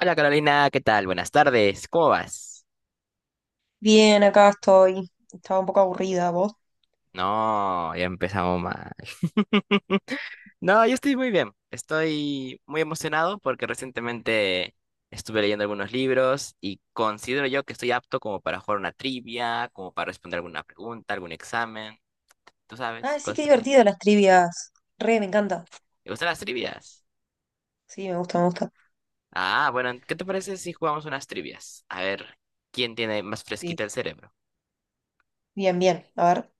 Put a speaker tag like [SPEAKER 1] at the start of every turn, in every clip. [SPEAKER 1] Hola Carolina, ¿qué tal? Buenas tardes, ¿cómo vas?
[SPEAKER 2] Bien, acá estoy. Estaba un poco aburrida, ¿vos?
[SPEAKER 1] No, ya empezamos mal. No, yo estoy muy bien. Estoy muy emocionado porque recientemente estuve leyendo algunos libros y considero yo que estoy apto como para jugar una trivia, como para responder alguna pregunta, algún examen, tú sabes,
[SPEAKER 2] Ah, sí, qué
[SPEAKER 1] cosas así.
[SPEAKER 2] divertido las trivias. Re, me encanta.
[SPEAKER 1] ¿Te gustan las trivias?
[SPEAKER 2] Sí, me gusta, me gusta.
[SPEAKER 1] Ah, bueno, ¿qué te parece si jugamos unas trivias? A ver, ¿quién tiene más
[SPEAKER 2] Sí,
[SPEAKER 1] fresquita el cerebro?
[SPEAKER 2] bien, bien. A ver.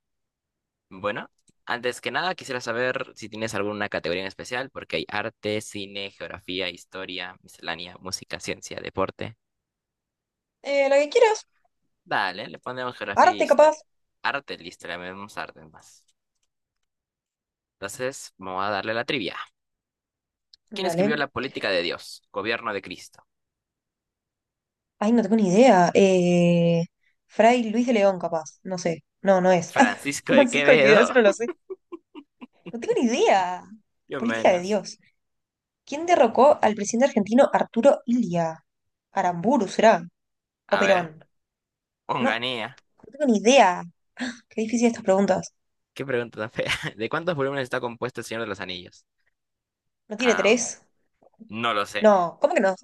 [SPEAKER 1] Bueno, antes que nada quisiera saber si tienes alguna categoría en especial, porque hay arte, cine, geografía, historia, miscelánea, música, ciencia, deporte.
[SPEAKER 2] Lo que quieras.
[SPEAKER 1] Dale, le ponemos geografía y
[SPEAKER 2] Arte,
[SPEAKER 1] historia.
[SPEAKER 2] capaz.
[SPEAKER 1] Arte, listo, le ponemos arte más. Entonces, vamos a darle la trivia. ¿Quién escribió
[SPEAKER 2] Dale.
[SPEAKER 1] La política de Dios? Gobierno de Cristo.
[SPEAKER 2] Ay, no tengo ni idea. Fray Luis de León, capaz. No sé. No, no es.
[SPEAKER 1] Francisco de
[SPEAKER 2] Francisco de Quevedo, eso
[SPEAKER 1] Quevedo.
[SPEAKER 2] no lo sé. No tengo ni idea.
[SPEAKER 1] Yo
[SPEAKER 2] Política de
[SPEAKER 1] menos.
[SPEAKER 2] Dios. ¿Quién derrocó al presidente argentino Arturo Illia? Aramburu, ¿será? ¿O
[SPEAKER 1] A
[SPEAKER 2] Perón?
[SPEAKER 1] ver,
[SPEAKER 2] No, no
[SPEAKER 1] Onganía.
[SPEAKER 2] tengo ni idea. Qué difícil estas preguntas.
[SPEAKER 1] Qué pregunta tan fea. ¿De cuántos volúmenes está compuesto El Señor de los Anillos?
[SPEAKER 2] ¿No tiene
[SPEAKER 1] Am,
[SPEAKER 2] tres?
[SPEAKER 1] no lo sé.
[SPEAKER 2] No, ¿cómo que no?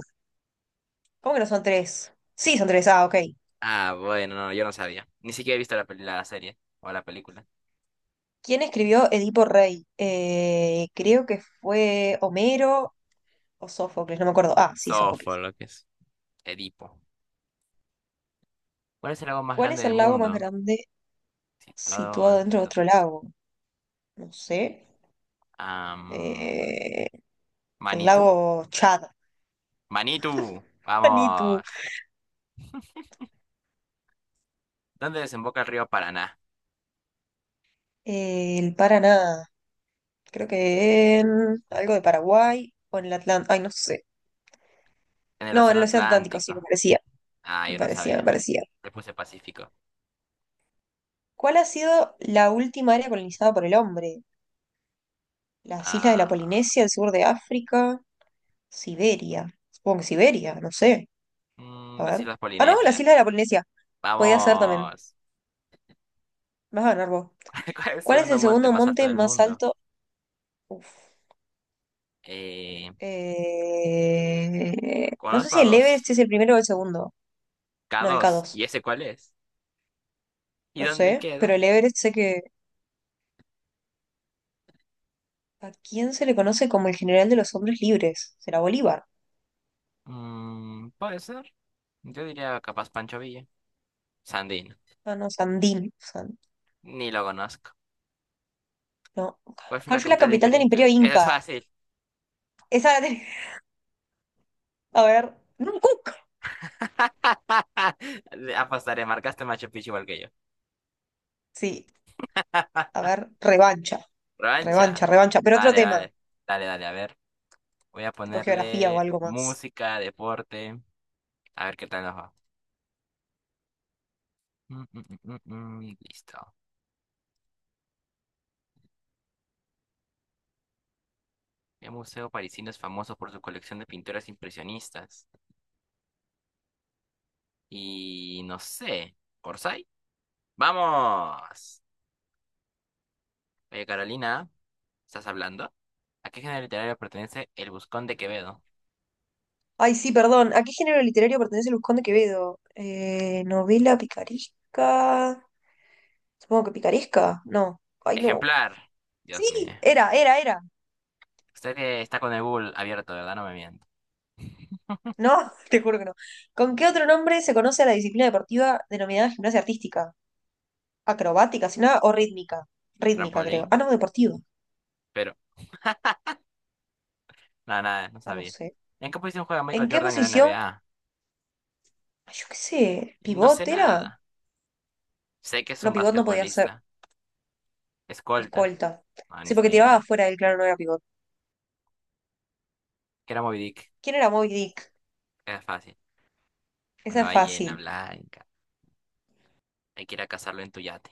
[SPEAKER 2] ¿Cómo que no son tres? Sí, son tres. Ah, ok.
[SPEAKER 1] Ah, bueno, no, yo no sabía. Ni siquiera he visto la, la serie o la película.
[SPEAKER 2] ¿Quién escribió Edipo Rey? Creo que fue Homero o Sófocles, no me acuerdo. Ah, sí,
[SPEAKER 1] Sofo,
[SPEAKER 2] Sófocles.
[SPEAKER 1] lo que es. Edipo. ¿Cuál es el lago más
[SPEAKER 2] ¿Cuál
[SPEAKER 1] grande
[SPEAKER 2] es
[SPEAKER 1] del
[SPEAKER 2] el lago más
[SPEAKER 1] mundo?
[SPEAKER 2] grande
[SPEAKER 1] Situado
[SPEAKER 2] situado dentro
[SPEAKER 1] entre...
[SPEAKER 2] de otro lago? No sé.
[SPEAKER 1] Am,
[SPEAKER 2] Eh, el
[SPEAKER 1] Manitu.
[SPEAKER 2] lago Chad.
[SPEAKER 1] Manitu,
[SPEAKER 2] Ni tú.
[SPEAKER 1] vamos. ¿Dónde desemboca el río Paraná?
[SPEAKER 2] El Paraná. Creo que en algo de Paraguay o en el Atlántico. Ay, no sé.
[SPEAKER 1] En el
[SPEAKER 2] No, en
[SPEAKER 1] Océano
[SPEAKER 2] el Océano Atlántico, sí, me
[SPEAKER 1] Atlántico.
[SPEAKER 2] parecía.
[SPEAKER 1] Ah,
[SPEAKER 2] Me
[SPEAKER 1] yo no
[SPEAKER 2] parecía, me
[SPEAKER 1] sabía.
[SPEAKER 2] parecía.
[SPEAKER 1] Le puse Pacífico.
[SPEAKER 2] ¿Cuál ha sido la última área colonizada por el hombre? Las islas de la
[SPEAKER 1] Ah,
[SPEAKER 2] Polinesia, el sur de África, Siberia. Supongo que Siberia, no sé. A
[SPEAKER 1] las
[SPEAKER 2] ver.
[SPEAKER 1] Islas
[SPEAKER 2] Ah, no, las islas
[SPEAKER 1] Polinesias.
[SPEAKER 2] de la Polinesia. Podía ser también.
[SPEAKER 1] Vamos.
[SPEAKER 2] Vas a ganar vos.
[SPEAKER 1] ¿Cuál, es el
[SPEAKER 2] ¿Cuál es
[SPEAKER 1] segundo
[SPEAKER 2] el
[SPEAKER 1] monte
[SPEAKER 2] segundo
[SPEAKER 1] más alto
[SPEAKER 2] monte
[SPEAKER 1] del
[SPEAKER 2] más
[SPEAKER 1] mundo?
[SPEAKER 2] alto? Uf.
[SPEAKER 1] Eh,
[SPEAKER 2] No sé
[SPEAKER 1] conozco
[SPEAKER 2] si
[SPEAKER 1] a
[SPEAKER 2] el
[SPEAKER 1] dos.
[SPEAKER 2] Everest es el primero o el segundo.
[SPEAKER 1] K
[SPEAKER 2] No, el k
[SPEAKER 1] dos. ¿Y
[SPEAKER 2] dos,
[SPEAKER 1] ese cuál es? ¿Y
[SPEAKER 2] No
[SPEAKER 1] dónde
[SPEAKER 2] sé. Pero
[SPEAKER 1] queda?
[SPEAKER 2] el Everest sé que. ¿A quién se le conoce como el general de los hombres libres? ¿Será Bolívar?
[SPEAKER 1] Mm, puede ser. Yo diría capaz Pancho Villa. Sandino.
[SPEAKER 2] Ah, no, Sandín.
[SPEAKER 1] Ni lo conozco.
[SPEAKER 2] No.
[SPEAKER 1] ¿Cuál fue
[SPEAKER 2] ¿Cuál
[SPEAKER 1] la
[SPEAKER 2] fue la
[SPEAKER 1] capital de
[SPEAKER 2] capital
[SPEAKER 1] Imperio
[SPEAKER 2] del Imperio
[SPEAKER 1] Inca? Eso es
[SPEAKER 2] Inca?
[SPEAKER 1] fácil.
[SPEAKER 2] Esa la tenía- A ver. No, Cook.
[SPEAKER 1] Le apostaré, marcaste Machu Picchu igual que yo.
[SPEAKER 2] Sí, a ver, revancha, revancha,
[SPEAKER 1] Rancha.
[SPEAKER 2] revancha, pero otro
[SPEAKER 1] Vale,
[SPEAKER 2] tema,
[SPEAKER 1] vale. Dale, dale, a ver. Voy a
[SPEAKER 2] tipo geografía o
[SPEAKER 1] ponerle
[SPEAKER 2] algo más.
[SPEAKER 1] música, deporte. A ver qué tal nos va. Mm, mm, Listo. El museo parisino es famoso por su colección de pinturas impresionistas. Y no sé. ¿Orsay? ¡Vamos! Oye, Carolina, ¿estás hablando? ¿A qué género literario pertenece El Buscón de Quevedo?
[SPEAKER 2] Ay, sí, perdón, ¿a qué género literario pertenece Luzcón de Quevedo? Novela picaresca. Supongo que picaresca, no. Ay, no.
[SPEAKER 1] Ejemplar. Dios mío.
[SPEAKER 2] Sí, era.
[SPEAKER 1] Usted que está con el Google abierto, ¿verdad? No me miento.
[SPEAKER 2] No, te juro que no. ¿Con qué otro nombre se conoce a la disciplina deportiva denominada gimnasia artística? ¿Acrobática, si nada, o rítmica? Rítmica, creo. Ah,
[SPEAKER 1] Trampolín.
[SPEAKER 2] no, deportiva.
[SPEAKER 1] Pero, nada, nada, no
[SPEAKER 2] Ah, no
[SPEAKER 1] sabía.
[SPEAKER 2] sé.
[SPEAKER 1] ¿En qué posición juega
[SPEAKER 2] ¿En
[SPEAKER 1] Michael
[SPEAKER 2] qué
[SPEAKER 1] Jordan en la
[SPEAKER 2] posición?
[SPEAKER 1] NBA?
[SPEAKER 2] Ay, yo qué sé,
[SPEAKER 1] Y no sé
[SPEAKER 2] ¿pivot era?
[SPEAKER 1] nada. Sé que es
[SPEAKER 2] No,
[SPEAKER 1] un
[SPEAKER 2] pivot no podía ser.
[SPEAKER 1] basquetbolista. Escolta.
[SPEAKER 2] Escolta.
[SPEAKER 1] No, no
[SPEAKER 2] Sí,
[SPEAKER 1] es
[SPEAKER 2] porque
[SPEAKER 1] ni
[SPEAKER 2] tiraba
[SPEAKER 1] idea.
[SPEAKER 2] afuera del claro, no era pivot.
[SPEAKER 1] ¿Qué era Moby Dick?
[SPEAKER 2] ¿Quién era Moby Dick?
[SPEAKER 1] Era fácil. Una
[SPEAKER 2] Esa es
[SPEAKER 1] ballena
[SPEAKER 2] fácil.
[SPEAKER 1] blanca. Hay que ir a cazarlo en tu yate.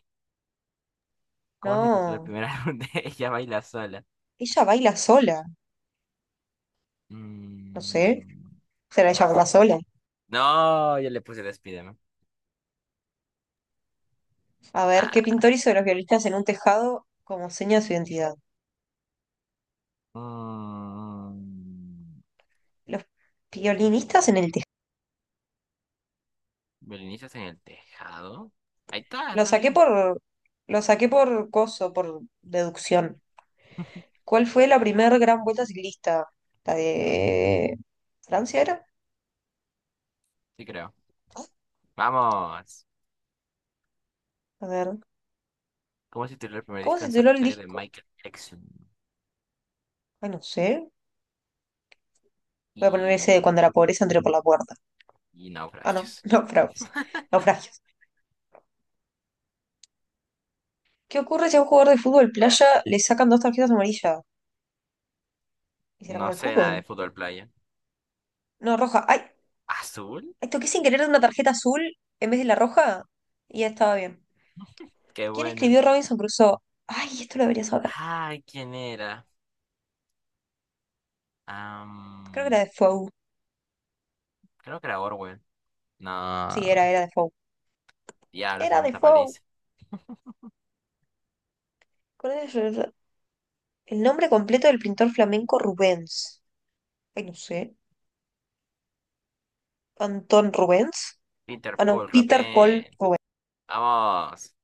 [SPEAKER 1] ¿Cómo se titula el
[SPEAKER 2] No.
[SPEAKER 1] primer álbum de Ella Baila Sola?
[SPEAKER 2] Ella baila sola. No sé.
[SPEAKER 1] Mm,
[SPEAKER 2] Será
[SPEAKER 1] no
[SPEAKER 2] ella
[SPEAKER 1] sé.
[SPEAKER 2] baila sola.
[SPEAKER 1] No, yo le puse el Spiderman.
[SPEAKER 2] A ver, ¿qué
[SPEAKER 1] Ah.
[SPEAKER 2] pintor hizo de los violinistas en un tejado como seña de su identidad?
[SPEAKER 1] Mm,
[SPEAKER 2] Los violinistas en el tejado.
[SPEAKER 1] ¿Belinicias en el tejado? Ahí está,
[SPEAKER 2] Lo
[SPEAKER 1] está
[SPEAKER 2] saqué
[SPEAKER 1] bien.
[SPEAKER 2] por. Lo saqué por coso, por deducción. ¿Cuál fue la primera gran vuelta ciclista? ¿La de Francia era?
[SPEAKER 1] Sí creo. Vamos.
[SPEAKER 2] A ver.
[SPEAKER 1] ¿Cómo se titula el primer
[SPEAKER 2] ¿Cómo
[SPEAKER 1] disco
[SPEAKER 2] se
[SPEAKER 1] en
[SPEAKER 2] tituló el
[SPEAKER 1] solitario de
[SPEAKER 2] disco?
[SPEAKER 1] Michael Jackson?
[SPEAKER 2] Ay, no sé. Voy a poner ese de
[SPEAKER 1] Y...
[SPEAKER 2] cuando la pobreza entró por la puerta.
[SPEAKER 1] y
[SPEAKER 2] Ah, no,
[SPEAKER 1] naufragios.
[SPEAKER 2] naufragos. Naufragios. ¿Qué ocurre si a un jugador de fútbol playa le sacan dos tarjetas amarillas? ¿Y será
[SPEAKER 1] No
[SPEAKER 2] como el
[SPEAKER 1] sé nada de
[SPEAKER 2] fútbol?
[SPEAKER 1] fútbol playa.
[SPEAKER 2] No, roja. ¡Ay!
[SPEAKER 1] ¿Azul?
[SPEAKER 2] Ay, toqué sin querer una tarjeta azul en vez de la roja y ya estaba bien.
[SPEAKER 1] Qué
[SPEAKER 2] ¿Quién
[SPEAKER 1] buena.
[SPEAKER 2] escribió Robinson Crusoe? ¡Ay! Esto lo debería saber.
[SPEAKER 1] Ay, ¿quién era?
[SPEAKER 2] Creo que
[SPEAKER 1] Am,
[SPEAKER 2] era Defoe.
[SPEAKER 1] creo que era Orwell. No.
[SPEAKER 2] Sí, era Defoe.
[SPEAKER 1] Diablos, se
[SPEAKER 2] Era
[SPEAKER 1] me
[SPEAKER 2] Defoe.
[SPEAKER 1] paliza.
[SPEAKER 2] ¿Cuál es el nombre completo del pintor flamenco Rubens? Ay, no sé. ¿Antón Rubens?
[SPEAKER 1] Peter
[SPEAKER 2] Ah, no,
[SPEAKER 1] Paul,
[SPEAKER 2] Peter Paul
[SPEAKER 1] rapé.
[SPEAKER 2] Rubens.
[SPEAKER 1] Vamos,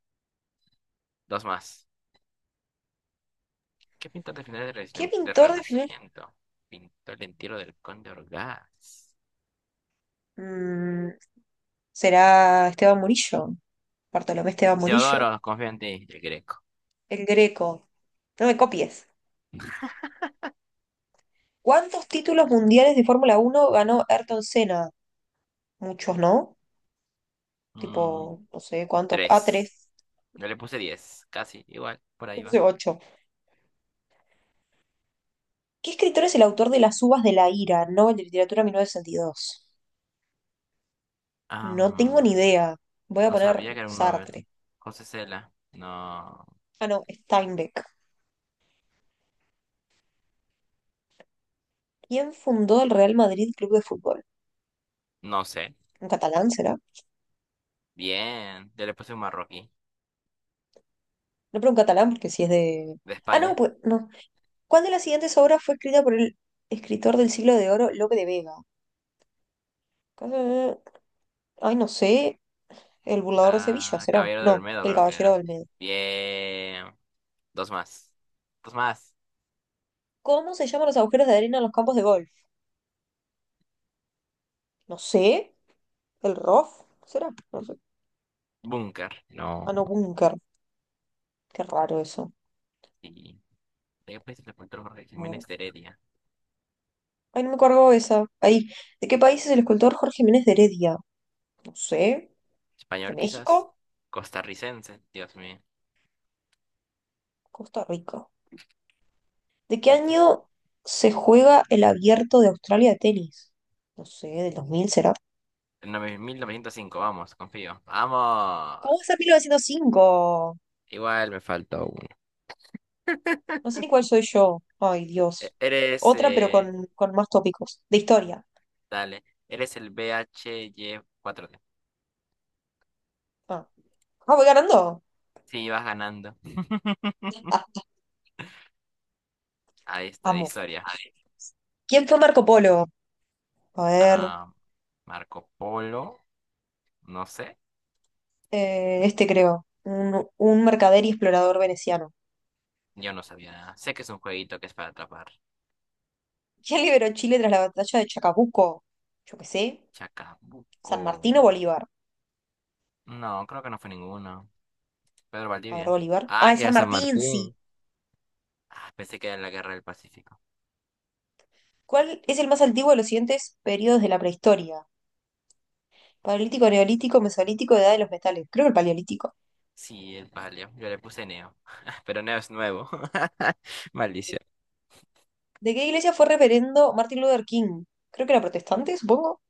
[SPEAKER 1] dos más. ¿Qué pintor de finales
[SPEAKER 2] ¿Qué
[SPEAKER 1] Del
[SPEAKER 2] pintor definió?
[SPEAKER 1] Renacimiento? Pintó el entierro del conde Orgaz.
[SPEAKER 2] el- será Esteban Murillo, Bartolomé Esteban Murillo,
[SPEAKER 1] Teodoro, confío en ti, el greco.
[SPEAKER 2] el Greco. No me copies. ¿Cuántos títulos mundiales de Fórmula Uno ganó Ayrton Senna? Muchos, ¿no?
[SPEAKER 1] Mm,
[SPEAKER 2] Tipo, no sé cuántos. Ah, tres,
[SPEAKER 1] tres. Yo le puse diez, casi, igual, por ahí
[SPEAKER 2] no
[SPEAKER 1] va.
[SPEAKER 2] sé, ocho. ¿Qué escritor es el autor de Las uvas de la ira, Nobel de Literatura 1962. No tengo ni
[SPEAKER 1] Am,
[SPEAKER 2] idea. Voy a
[SPEAKER 1] no
[SPEAKER 2] poner
[SPEAKER 1] sabía que era un Nobel.
[SPEAKER 2] Sartre.
[SPEAKER 1] José Cela, no,
[SPEAKER 2] Ah, no, Steinbeck. ¿Quién fundó el Real Madrid Club de Fútbol?
[SPEAKER 1] no sé.
[SPEAKER 2] ¿Un catalán será?
[SPEAKER 1] Bien, yo le puse un marroquí,
[SPEAKER 2] No, pero un catalán porque si es de.
[SPEAKER 1] de
[SPEAKER 2] Ah, no,
[SPEAKER 1] España.
[SPEAKER 2] pues no. ¿Cuál de las siguientes obras fue escrita por el escritor del siglo de oro, Lope de Vega? Eh, Ay, no sé. El burlador de Sevilla,
[SPEAKER 1] Ah,
[SPEAKER 2] ¿será?
[SPEAKER 1] Caballero de
[SPEAKER 2] No,
[SPEAKER 1] Olmedo
[SPEAKER 2] el
[SPEAKER 1] creo que
[SPEAKER 2] caballero
[SPEAKER 1] era.
[SPEAKER 2] del medio.
[SPEAKER 1] Bien, dos más. Dos más.
[SPEAKER 2] ¿Cómo se llaman los agujeros de arena en los campos de golf? No sé. ¿El rough? ¿Será? No sé.
[SPEAKER 1] Búnker. No.
[SPEAKER 2] Ah, no, búnker. Qué raro eso.
[SPEAKER 1] Y después le encontró Jorge
[SPEAKER 2] A ver.
[SPEAKER 1] Jiménez de Heredia,
[SPEAKER 2] Ay, no me cargó esa. Ahí. ¿De qué país es el escultor Jorge Jiménez de Heredia? No sé. ¿De
[SPEAKER 1] español quizás,
[SPEAKER 2] México?
[SPEAKER 1] costarricense, Dios mío.
[SPEAKER 2] Costa Rica. ¿De qué
[SPEAKER 1] Fíjate.
[SPEAKER 2] año se juega el abierto de Australia de tenis? No sé, ¿del 2000, será?
[SPEAKER 1] 1905, vamos, confío. ¡Vamos!
[SPEAKER 2] ¿Cómo está 1905?
[SPEAKER 1] Igual me faltó uno.
[SPEAKER 2] No sé ni cuál soy yo. Ay, Dios.
[SPEAKER 1] Eres,
[SPEAKER 2] Otra, pero con más tópicos. De historia.
[SPEAKER 1] dale, eres el bhy cuatro d.
[SPEAKER 2] Ah, Ah, voy ganando.
[SPEAKER 1] Sí, vas ganando. Ahí está, de
[SPEAKER 2] Amo.
[SPEAKER 1] historia.
[SPEAKER 2] ¿Quién fue Marco Polo? A ver,
[SPEAKER 1] Ah, Marco Polo, no sé.
[SPEAKER 2] este creo. Un mercader y explorador veneciano.
[SPEAKER 1] Yo no sabía nada. Sé que es un jueguito que es para atrapar.
[SPEAKER 2] ¿Quién liberó Chile tras la batalla de Chacabuco? Yo qué sé.
[SPEAKER 1] Chacabuco.
[SPEAKER 2] ¿San Martín o Bolívar?
[SPEAKER 1] No, creo que no fue ninguno. Pedro
[SPEAKER 2] A ver,
[SPEAKER 1] Valdivia.
[SPEAKER 2] Bolívar.
[SPEAKER 1] Ah,
[SPEAKER 2] Ah, es
[SPEAKER 1] sí, a
[SPEAKER 2] San
[SPEAKER 1] San
[SPEAKER 2] Martín, sí.
[SPEAKER 1] Martín. Ah, pensé que era en la Guerra del Pacífico.
[SPEAKER 2] ¿Cuál es el más antiguo de los siguientes periodos de la prehistoria? Paleolítico, neolítico, mesolítico, edad de los metales. Creo que el paleolítico.
[SPEAKER 1] Sí, el palio. Yo le puse Neo. Pero Neo es nuevo. Malicia.
[SPEAKER 2] ¿De qué iglesia fue reverendo Martin Luther King? Creo que era protestante, supongo.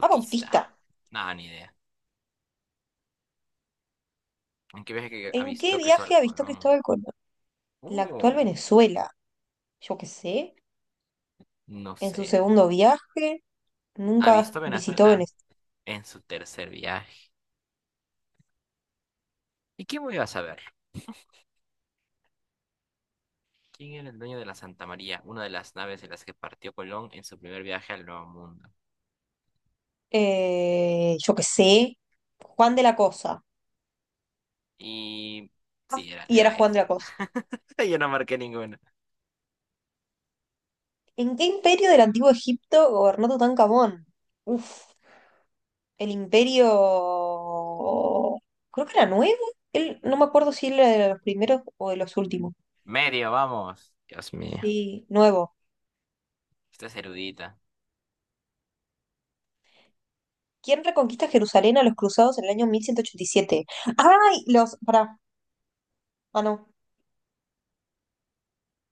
[SPEAKER 2] Ah, bautista.
[SPEAKER 1] Nada, ni idea. ¿En qué viaje que ha
[SPEAKER 2] ¿En qué
[SPEAKER 1] visto Cristóbal
[SPEAKER 2] viaje avistó
[SPEAKER 1] Colón?
[SPEAKER 2] Cristóbal Colón? La actual
[SPEAKER 1] Uh,
[SPEAKER 2] Venezuela. Yo qué sé.
[SPEAKER 1] no
[SPEAKER 2] En su
[SPEAKER 1] sé.
[SPEAKER 2] segundo viaje,
[SPEAKER 1] ¿Ha
[SPEAKER 2] nunca
[SPEAKER 1] visto
[SPEAKER 2] visitó
[SPEAKER 1] Venezuela?
[SPEAKER 2] Venezuela.
[SPEAKER 1] En su tercer viaje. ¿Y quién voy a saber? ¿Quién era el dueño de la Santa María? Una de las naves de las que partió Colón en su primer viaje al Nuevo Mundo.
[SPEAKER 2] Yo qué sé. Juan de la Cosa.
[SPEAKER 1] Y...
[SPEAKER 2] Ah,
[SPEAKER 1] sí, era,
[SPEAKER 2] y era
[SPEAKER 1] era
[SPEAKER 2] Juan
[SPEAKER 1] ese.
[SPEAKER 2] de la Cosa.
[SPEAKER 1] Yo no marqué ninguno.
[SPEAKER 2] ¿En qué imperio del antiguo Egipto gobernó Tutankamón? Uf, el imperio. Creo que era nuevo. Él, no me acuerdo si él era de los primeros o de los últimos.
[SPEAKER 1] Medio, vamos. Dios mío.
[SPEAKER 2] Sí, nuevo.
[SPEAKER 1] Esta es erudita.
[SPEAKER 2] ¿Quién reconquista Jerusalén a los cruzados en el año 1187? ¡Ay! Los. Pará. Ah, no.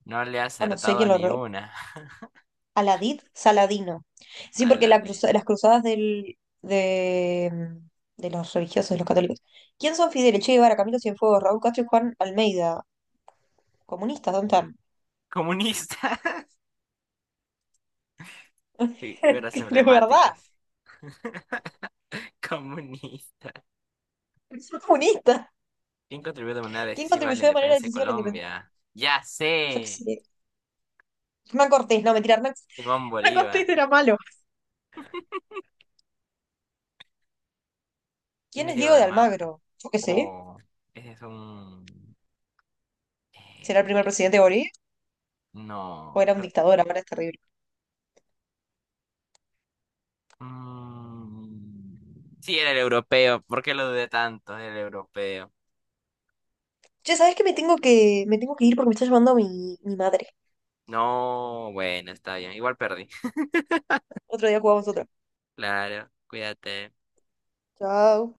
[SPEAKER 1] No le ha
[SPEAKER 2] Ah, no sé
[SPEAKER 1] acertado
[SPEAKER 2] quién lo.
[SPEAKER 1] ni una.
[SPEAKER 2] Aladid Saladino. Sí,
[SPEAKER 1] Tan
[SPEAKER 2] porque la cruza-
[SPEAKER 1] ladino.
[SPEAKER 2] las cruzadas de los religiosos, de los católicos. ¿Quién son Fidel Che Guevara, Camilo Cienfuegos, Raúl Castro y Juan Almeida? Comunistas, ¿dónde están?
[SPEAKER 1] Comunistas. Figuras
[SPEAKER 2] De verdad.
[SPEAKER 1] emblemáticas. Comunistas.
[SPEAKER 2] Son comunistas.
[SPEAKER 1] ¿Quién contribuyó de manera
[SPEAKER 2] ¿Quién
[SPEAKER 1] decisiva a la
[SPEAKER 2] contribuyó de manera
[SPEAKER 1] independencia de
[SPEAKER 2] decisiva a la independencia?
[SPEAKER 1] Colombia? Ya
[SPEAKER 2] Yo qué
[SPEAKER 1] sé.
[SPEAKER 2] sé. Hernán Cortés, no, mentira, Hernán,
[SPEAKER 1] Simón
[SPEAKER 2] Hernán
[SPEAKER 1] Bolívar.
[SPEAKER 2] Cortés era malo.
[SPEAKER 1] ¿Quién
[SPEAKER 2] ¿Quién
[SPEAKER 1] es
[SPEAKER 2] es
[SPEAKER 1] Diego
[SPEAKER 2] Diego
[SPEAKER 1] de
[SPEAKER 2] de
[SPEAKER 1] Almagro?
[SPEAKER 2] Almagro? Yo qué sé.
[SPEAKER 1] Oh, ese es un... eh,
[SPEAKER 2] ¿Será el primer presidente de Bolivia? O
[SPEAKER 1] no,
[SPEAKER 2] era un
[SPEAKER 1] creo...
[SPEAKER 2] dictador, ahora es terrible.
[SPEAKER 1] mm, sí, era el europeo. ¿Por qué lo dudé tanto? Era el europeo.
[SPEAKER 2] ¿Che, sabes que me tengo que ir porque me está llamando mi madre?
[SPEAKER 1] No, bueno, está bien. Igual perdí.
[SPEAKER 2] Otro día jugamos otra.
[SPEAKER 1] Claro, cuídate.
[SPEAKER 2] Chao.